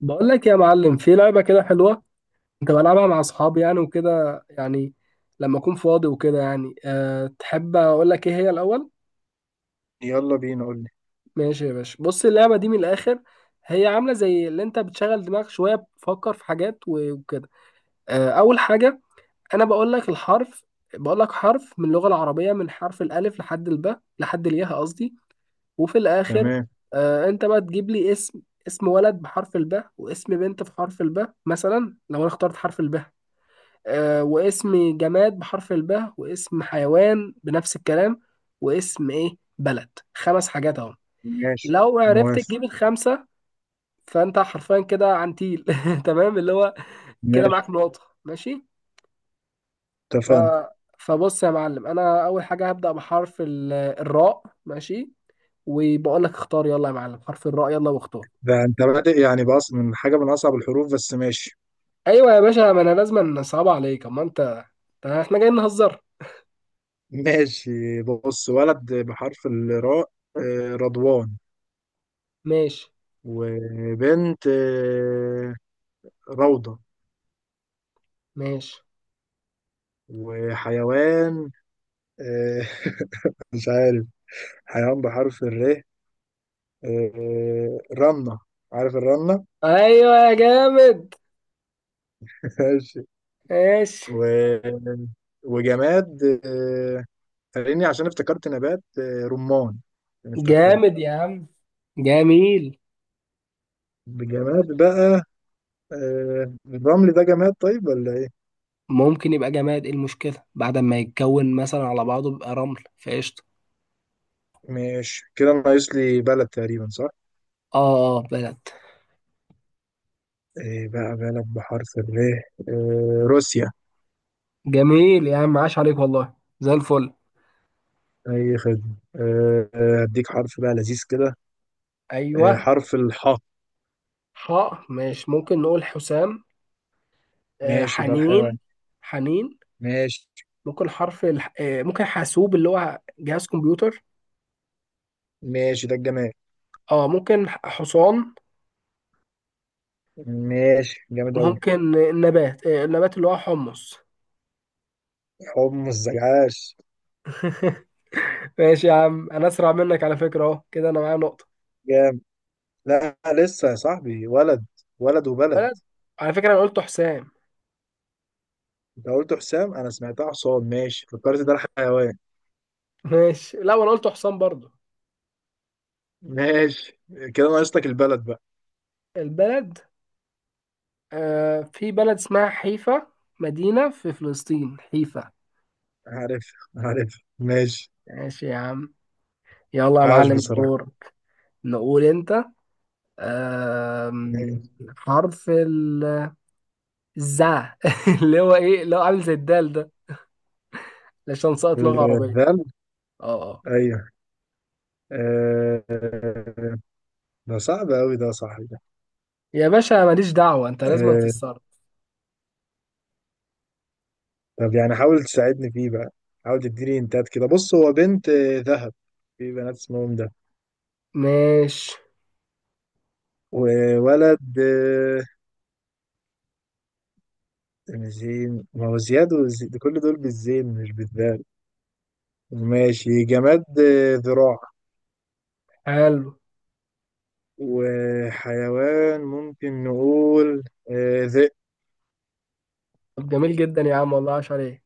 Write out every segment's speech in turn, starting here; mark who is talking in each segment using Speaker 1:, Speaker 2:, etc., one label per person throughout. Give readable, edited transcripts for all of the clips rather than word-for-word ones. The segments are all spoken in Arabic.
Speaker 1: بقول لك يا معلم في لعبة كده حلوة. كنت بلعبها مع أصحابي يعني وكده يعني. لما أكون فاضي وكده يعني تحب أقول لك إيه هي الأول؟
Speaker 2: يلا بينا، قول لي.
Speaker 1: ماشي يا باشا، بص اللعبة دي من الآخر. هي عاملة زي اللي أنت بتشغل دماغك شوية، بتفكر في حاجات وكده. أول حاجة، أنا بقول لك الحرف. بقول لك حرف من اللغة العربية، من حرف الألف لحد الباء، لحد الياء قصدي، وفي الآخر
Speaker 2: تمام.
Speaker 1: أنت بقى تجيب لي اسم. اسم ولد بحرف الباء، واسم بنت بحرف الباء، مثلا لو أنا اخترت حرف الباء، واسم جماد بحرف الباء، واسم حيوان بنفس الكلام، واسم ايه بلد، خمس حاجات اهو.
Speaker 2: ماشي.
Speaker 1: لو عرفت
Speaker 2: موافق.
Speaker 1: تجيب الخمسه فانت حرفيا كده عنتيل تمام، اللي هو كده معاك
Speaker 2: ماشي.
Speaker 1: نقطه، ماشي. ف...
Speaker 2: اتفقنا.
Speaker 1: فبص يا معلم، انا اول حاجه هبدا بحرف الراء، ماشي. وبقول لك اختار، يلا يا معلم، حرف الراء، يلا واختار.
Speaker 2: ده انت بادئ يعني من حاجة من أصعب الحروف، بس ماشي.
Speaker 1: ايوه يا باشا، ما انا لازم نصعب عليك اما انت، ده احنا جايين نهزر.
Speaker 2: ماشي. بص، ولد بحرف الراء رضوان.
Speaker 1: ماشي.
Speaker 2: وبنت روضة.
Speaker 1: ماشي.
Speaker 2: وحيوان آه، مش عارف. حيوان بحرف الر رنة. عارف الرنة؟
Speaker 1: ايوه يا جامد.
Speaker 2: ماشي.
Speaker 1: ماشي.
Speaker 2: و... وجماد فاهمني، عشان افتكرت نبات رمان. يعني افتكرته
Speaker 1: جامد يا عم. جميل.
Speaker 2: بجماد بقى. الرمل ده جماد طيب ولا ايه؟
Speaker 1: ممكن يبقى جماد، ايه المشكلة؟ بعد ما يتكون مثلا على بعضه بيبقى رمل فقشطة.
Speaker 2: ماشي، كده ناقص لي بلد تقريبا، صح؟
Speaker 1: اه اه، بلد.
Speaker 2: ايه بقى بلد بحرف الر؟ روسيا.
Speaker 1: جميل يا عم، عاش عليك والله، زي الفل.
Speaker 2: اي خدمة. هديك حرف بقى لذيذ كده.
Speaker 1: ايوه.
Speaker 2: حرف الحاء.
Speaker 1: حاء ماشي، ممكن نقول حسام، آه
Speaker 2: ماشي، ده
Speaker 1: حنين.
Speaker 2: الحيوان.
Speaker 1: حنين.
Speaker 2: ماشي
Speaker 1: ممكن حرف آه ممكن حاسوب اللي هو جهاز كمبيوتر.
Speaker 2: ماشي، ده الجماد.
Speaker 1: اه ممكن حصان.
Speaker 2: ماشي، جامد أوي.
Speaker 1: ممكن آه، النبات، آه النبات اللي هو حمص.
Speaker 2: حمص زجاج.
Speaker 1: ماشي يا عم، انا اسرع منك على فكرة، اهو كده انا معايا نقطة.
Speaker 2: جامد. لا لسه يا صاحبي، ولد. ولد وبلد.
Speaker 1: بلد، على فكرة أنا قلت حسام.
Speaker 2: انت قلت حسام، انا سمعتها حصان، ماشي فكرت ده الحيوان.
Speaker 1: ماشي، لا وأنا قلت حسام برضو.
Speaker 2: ماشي، كده ناقصتك البلد بقى.
Speaker 1: البلد، آه في بلد اسمها حيفا، مدينة في فلسطين، حيفا.
Speaker 2: عارف. عارف، ماشي.
Speaker 1: ماشي يا عم. يلا يا
Speaker 2: عاش
Speaker 1: معلم،
Speaker 2: بصراحة.
Speaker 1: دور. نقول أنت. آم،
Speaker 2: ماشي.
Speaker 1: حرف الزا اللي هو إيه، اللي هو عامل زي الدال ده، عشان ساقط لغة عربية.
Speaker 2: الذل.
Speaker 1: أه أه.
Speaker 2: ايوه. آه، ده صعب قوي ده يا صاحبي ده.
Speaker 1: يا باشا ماليش دعوة، أنت لازم
Speaker 2: آه،
Speaker 1: تتصرف.
Speaker 2: طب يعني حاول تساعدني فيه بقى. حاول تديني انتات كده. بص، هو بنت ذهب. في بنات اسمهم ده.
Speaker 1: ماشي.
Speaker 2: وولد زين، ما هو زياد كل دول بالزين مش بالذال. ماشي. جماد ذراع.
Speaker 1: حلو.
Speaker 2: وحيوان ممكن نقول ذئب.
Speaker 1: طب جميل جدا يا عم والله، عاش عليك.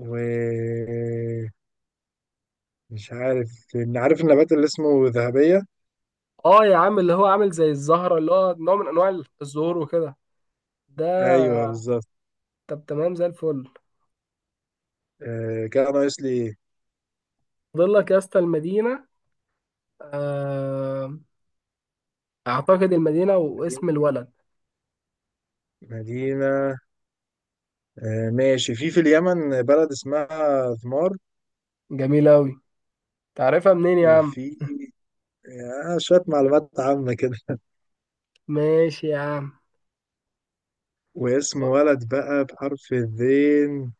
Speaker 2: ومش عارف إن عارف النبات اللي اسمه ذهبية.
Speaker 1: اه يا عم، اللي هو عامل زي الزهرة، اللي هو نوع من انواع الزهور وكده، ده.
Speaker 2: ايوه بالظبط.
Speaker 1: طب تمام، زي الفل.
Speaker 2: كده ناقص لي إيه؟
Speaker 1: فاضل لك يا اسطى المدينة. آه، اعتقد المدينة
Speaker 2: مدينة.
Speaker 1: واسم الولد.
Speaker 2: مدينة ماشي، في اليمن بلد اسمها ذمار.
Speaker 1: جميل اوي، تعرفها منين يا عم؟
Speaker 2: وفي شوية معلومات عامة كده.
Speaker 1: ماشي يا عم.
Speaker 2: واسم
Speaker 1: و-
Speaker 2: ولد بقى بحرف الذين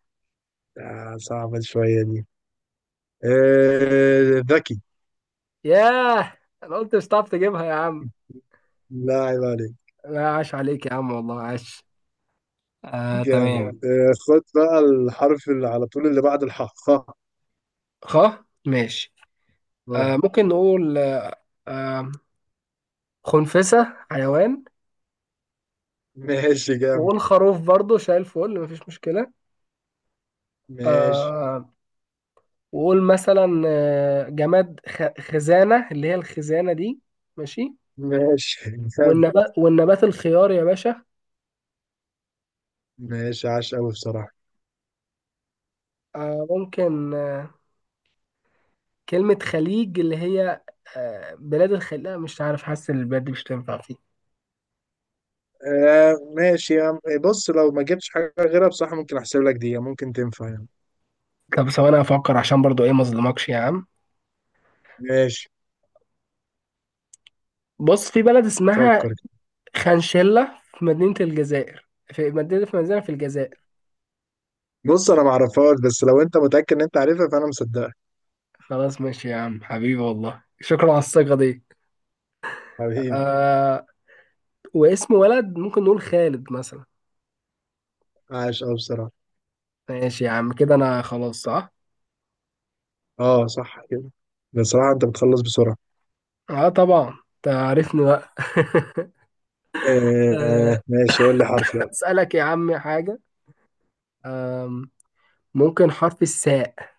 Speaker 2: صعبة شوية دي. ذكي.
Speaker 1: ياه، انا قلت مش هتعرف تجيبها يا عم.
Speaker 2: لا، عيب عليك.
Speaker 1: لا، عاش عليك يا عم والله، عاش. آه تمام.
Speaker 2: جامد خد بقى الحرف اللي على طول، اللي بعد الحاء، خاء.
Speaker 1: خ ماشي.
Speaker 2: آه.
Speaker 1: آه ممكن نقول، آه آه، خنفسة حيوان.
Speaker 2: ماشي جامد.
Speaker 1: وقول خروف برضه، شايل فل مفيش مشكلة.
Speaker 2: ماشي
Speaker 1: آه وقول مثلا آه، جماد خزانة، اللي هي الخزانة دي، ماشي.
Speaker 2: ماشي جامد.
Speaker 1: والنبات، والنبات الخيار يا باشا.
Speaker 2: ماشي عاش قوي بصراحة.
Speaker 1: آه، ممكن آه، كلمة خليج، اللي هي آه، بلاد الخليج، لا مش عارف، حاسس إن البلاد دي مش تنفع فيه.
Speaker 2: آه ماشي يا عم، إيه، بص لو ما جبتش حاجة غيرها بصراحة ممكن أحسب لك دي، يعني ممكن تنفع يعني.
Speaker 1: طب ثواني افكر، عشان برضو ايه ما اظلمكش يا عم.
Speaker 2: ماشي،
Speaker 1: بص، في بلد اسمها
Speaker 2: فكر كده.
Speaker 1: خنشلة في مدينة الجزائر، في مدينة، في الجزائر.
Speaker 2: بص، أنا ما أعرفهاش، بس لو أنت متأكد إن أنت عارفها فأنا مصدقك.
Speaker 1: خلاص ماشي يا عم حبيبي والله، شكرا على الثقة دي.
Speaker 2: حبيبي.
Speaker 1: آه واسم ولد ممكن نقول خالد مثلا.
Speaker 2: عاش قوي بصراحة.
Speaker 1: ماشي يا عم، كده انا خلاص صح؟
Speaker 2: أه صح كده. بصراحة أنت بتخلص بسرعة.
Speaker 1: اه طبعا، تعرفني بقى.
Speaker 2: آه
Speaker 1: آه،
Speaker 2: ماشي، قول لي حرف يلا.
Speaker 1: اسالك يا عم حاجه، آم، ممكن حرف الساء؟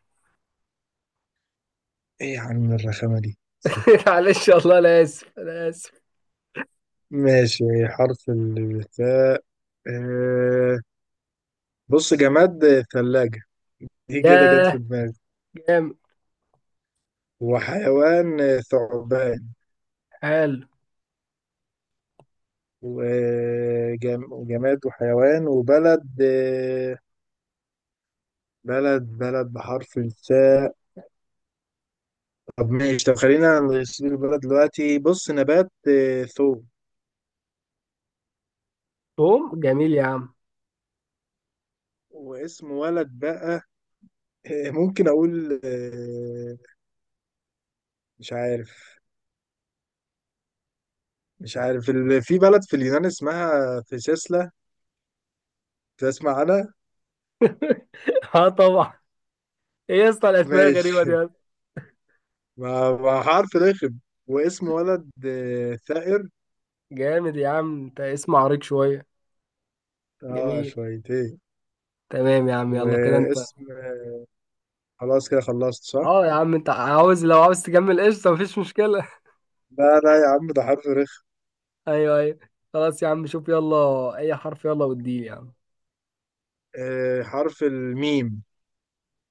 Speaker 2: إيه يا عم الرخامة دي؟
Speaker 1: معلش والله، انا اسف انا اسف.
Speaker 2: ماشي، حرف الثاء. آه، بص، جماد ثلاجة. دي كده جت في
Speaker 1: ياه.
Speaker 2: دماغي.
Speaker 1: جامد.
Speaker 2: وحيوان ثعبان.
Speaker 1: حلو.
Speaker 2: وجماد وحيوان وبلد بلد بلد بحرف الثاء. طب ماشي، طب خلينا نسيب البلد دلوقتي. بص، نبات ثوم.
Speaker 1: توم جميل يا عم.
Speaker 2: واسم ولد بقى ممكن أقول مش عارف. مش عارف في بلد في اليونان اسمها فيسيسلا. تسمع عنها؟
Speaker 1: اه طبعا، ايه يا اسطى الاسماء الغريبه
Speaker 2: ماشي.
Speaker 1: دي يا اسطى؟
Speaker 2: ما حرف رخم. واسم ولد ثائر.
Speaker 1: جامد يا عم، انت اسم عريق شويه.
Speaker 2: اه
Speaker 1: جميل.
Speaker 2: شويتين.
Speaker 1: تمام يا عم، يلا كده انت.
Speaker 2: واسم خلاص كده خلصت، صح؟
Speaker 1: اه يا عم انت عاوز، لو عاوز تكمل قشطه مفيش مشكله
Speaker 2: لا لا يا عم، ده حرف رخم.
Speaker 1: ايوه ايوه. خلاص يا عم، شوف يلا اي حرف، يلا واديلي يا عم.
Speaker 2: آه حرف الميم.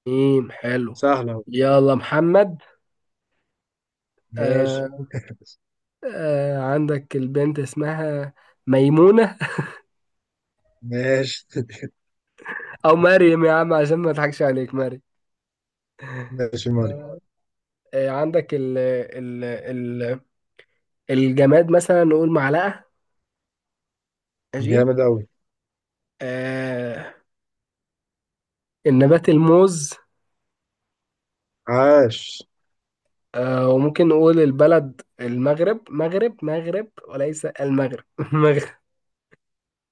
Speaker 1: ميم حلو.
Speaker 2: سهلة أهو.
Speaker 1: يلا محمد.
Speaker 2: ماشي.
Speaker 1: آه آه، عندك البنت اسمها ميمونة.
Speaker 2: ماشي
Speaker 1: أو مريم يا عم، عشان ما أضحكش عليك، مريم.
Speaker 2: ماشي ماري.
Speaker 1: آه آه، عندك ال ال ال الجماد مثلا، نقول معلقة، ماشي.
Speaker 2: جامد أوي.
Speaker 1: آه النبات الموز.
Speaker 2: عاش.
Speaker 1: آه، وممكن نقول البلد المغرب، مغرب مغرب وليس المغرب مغرب.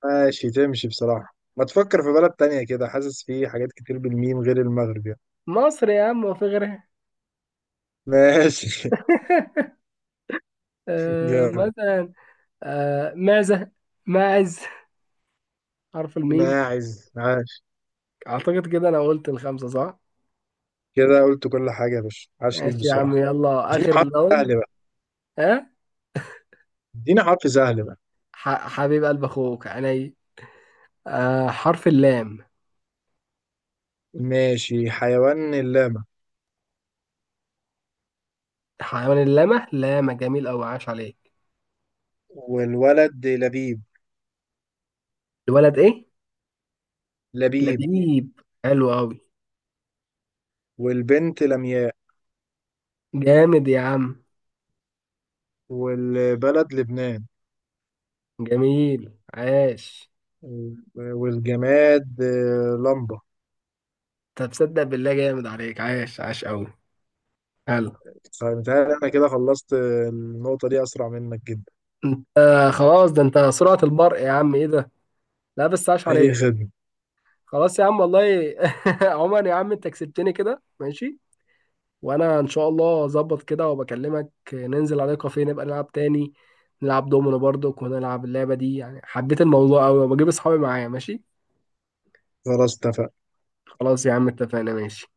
Speaker 2: ماشي، تمشي بصراحة. ما تفكر في بلد تانية كده، حاسس في حاجات كتير بالميم غير المغرب يعني.
Speaker 1: مصر يا عم، وفي غيرها.
Speaker 2: ماشي
Speaker 1: آه
Speaker 2: جامد.
Speaker 1: مثلا، آه معزة، ماعز، حرف الميم.
Speaker 2: ماعز. عاش.
Speaker 1: اعتقد كده انا قلت الخمسة صح.
Speaker 2: كده قلت كل حاجة يا باشا، عاش ليك
Speaker 1: ماشي يا عم، خمسة،
Speaker 2: بصراحة.
Speaker 1: يلا
Speaker 2: اديني
Speaker 1: اخر
Speaker 2: حرف
Speaker 1: لون.
Speaker 2: سهل بقى.
Speaker 1: ها،
Speaker 2: ادينا حرف سهل بقى.
Speaker 1: حبيب قلب اخوك عيني. آه حرف اللام.
Speaker 2: ماشي، حيوان اللاما.
Speaker 1: حيوان اللامة، لامة، جميل اوي، عاش عليك.
Speaker 2: والولد لبيب.
Speaker 1: الولد ايه؟
Speaker 2: لبيب.
Speaker 1: لبيب، حلو اوي.
Speaker 2: والبنت لمياء.
Speaker 1: جامد يا عم.
Speaker 2: والبلد لبنان.
Speaker 1: جميل. عاش.
Speaker 2: والجماد لمبة.
Speaker 1: طب تصدق بالله، جامد عليك، عاش عاش اوي. حلو.
Speaker 2: فمتهيألي أنا كده خلصت النقطة دي أسرع منك جدا.
Speaker 1: انت آه خلاص، ده انت سرعة البرق يا عم، ايه ده؟ لا بس، عاش
Speaker 2: أي
Speaker 1: عليك.
Speaker 2: خدمة.
Speaker 1: خلاص يا عم والله. عمر يا عم، انت كسبتني كده، ماشي. وانا ان شاء الله اظبط كده، وبكلمك ننزل على كافيه، نبقى نلعب تاني. نلعب دومينو برضو، ونلعب اللعبة دي، يعني حبيت الموضوع قوي، وبجيب اصحابي معايا، ماشي.
Speaker 2: خلاص اتفقنا.
Speaker 1: خلاص يا عم، اتفقنا، ماشي.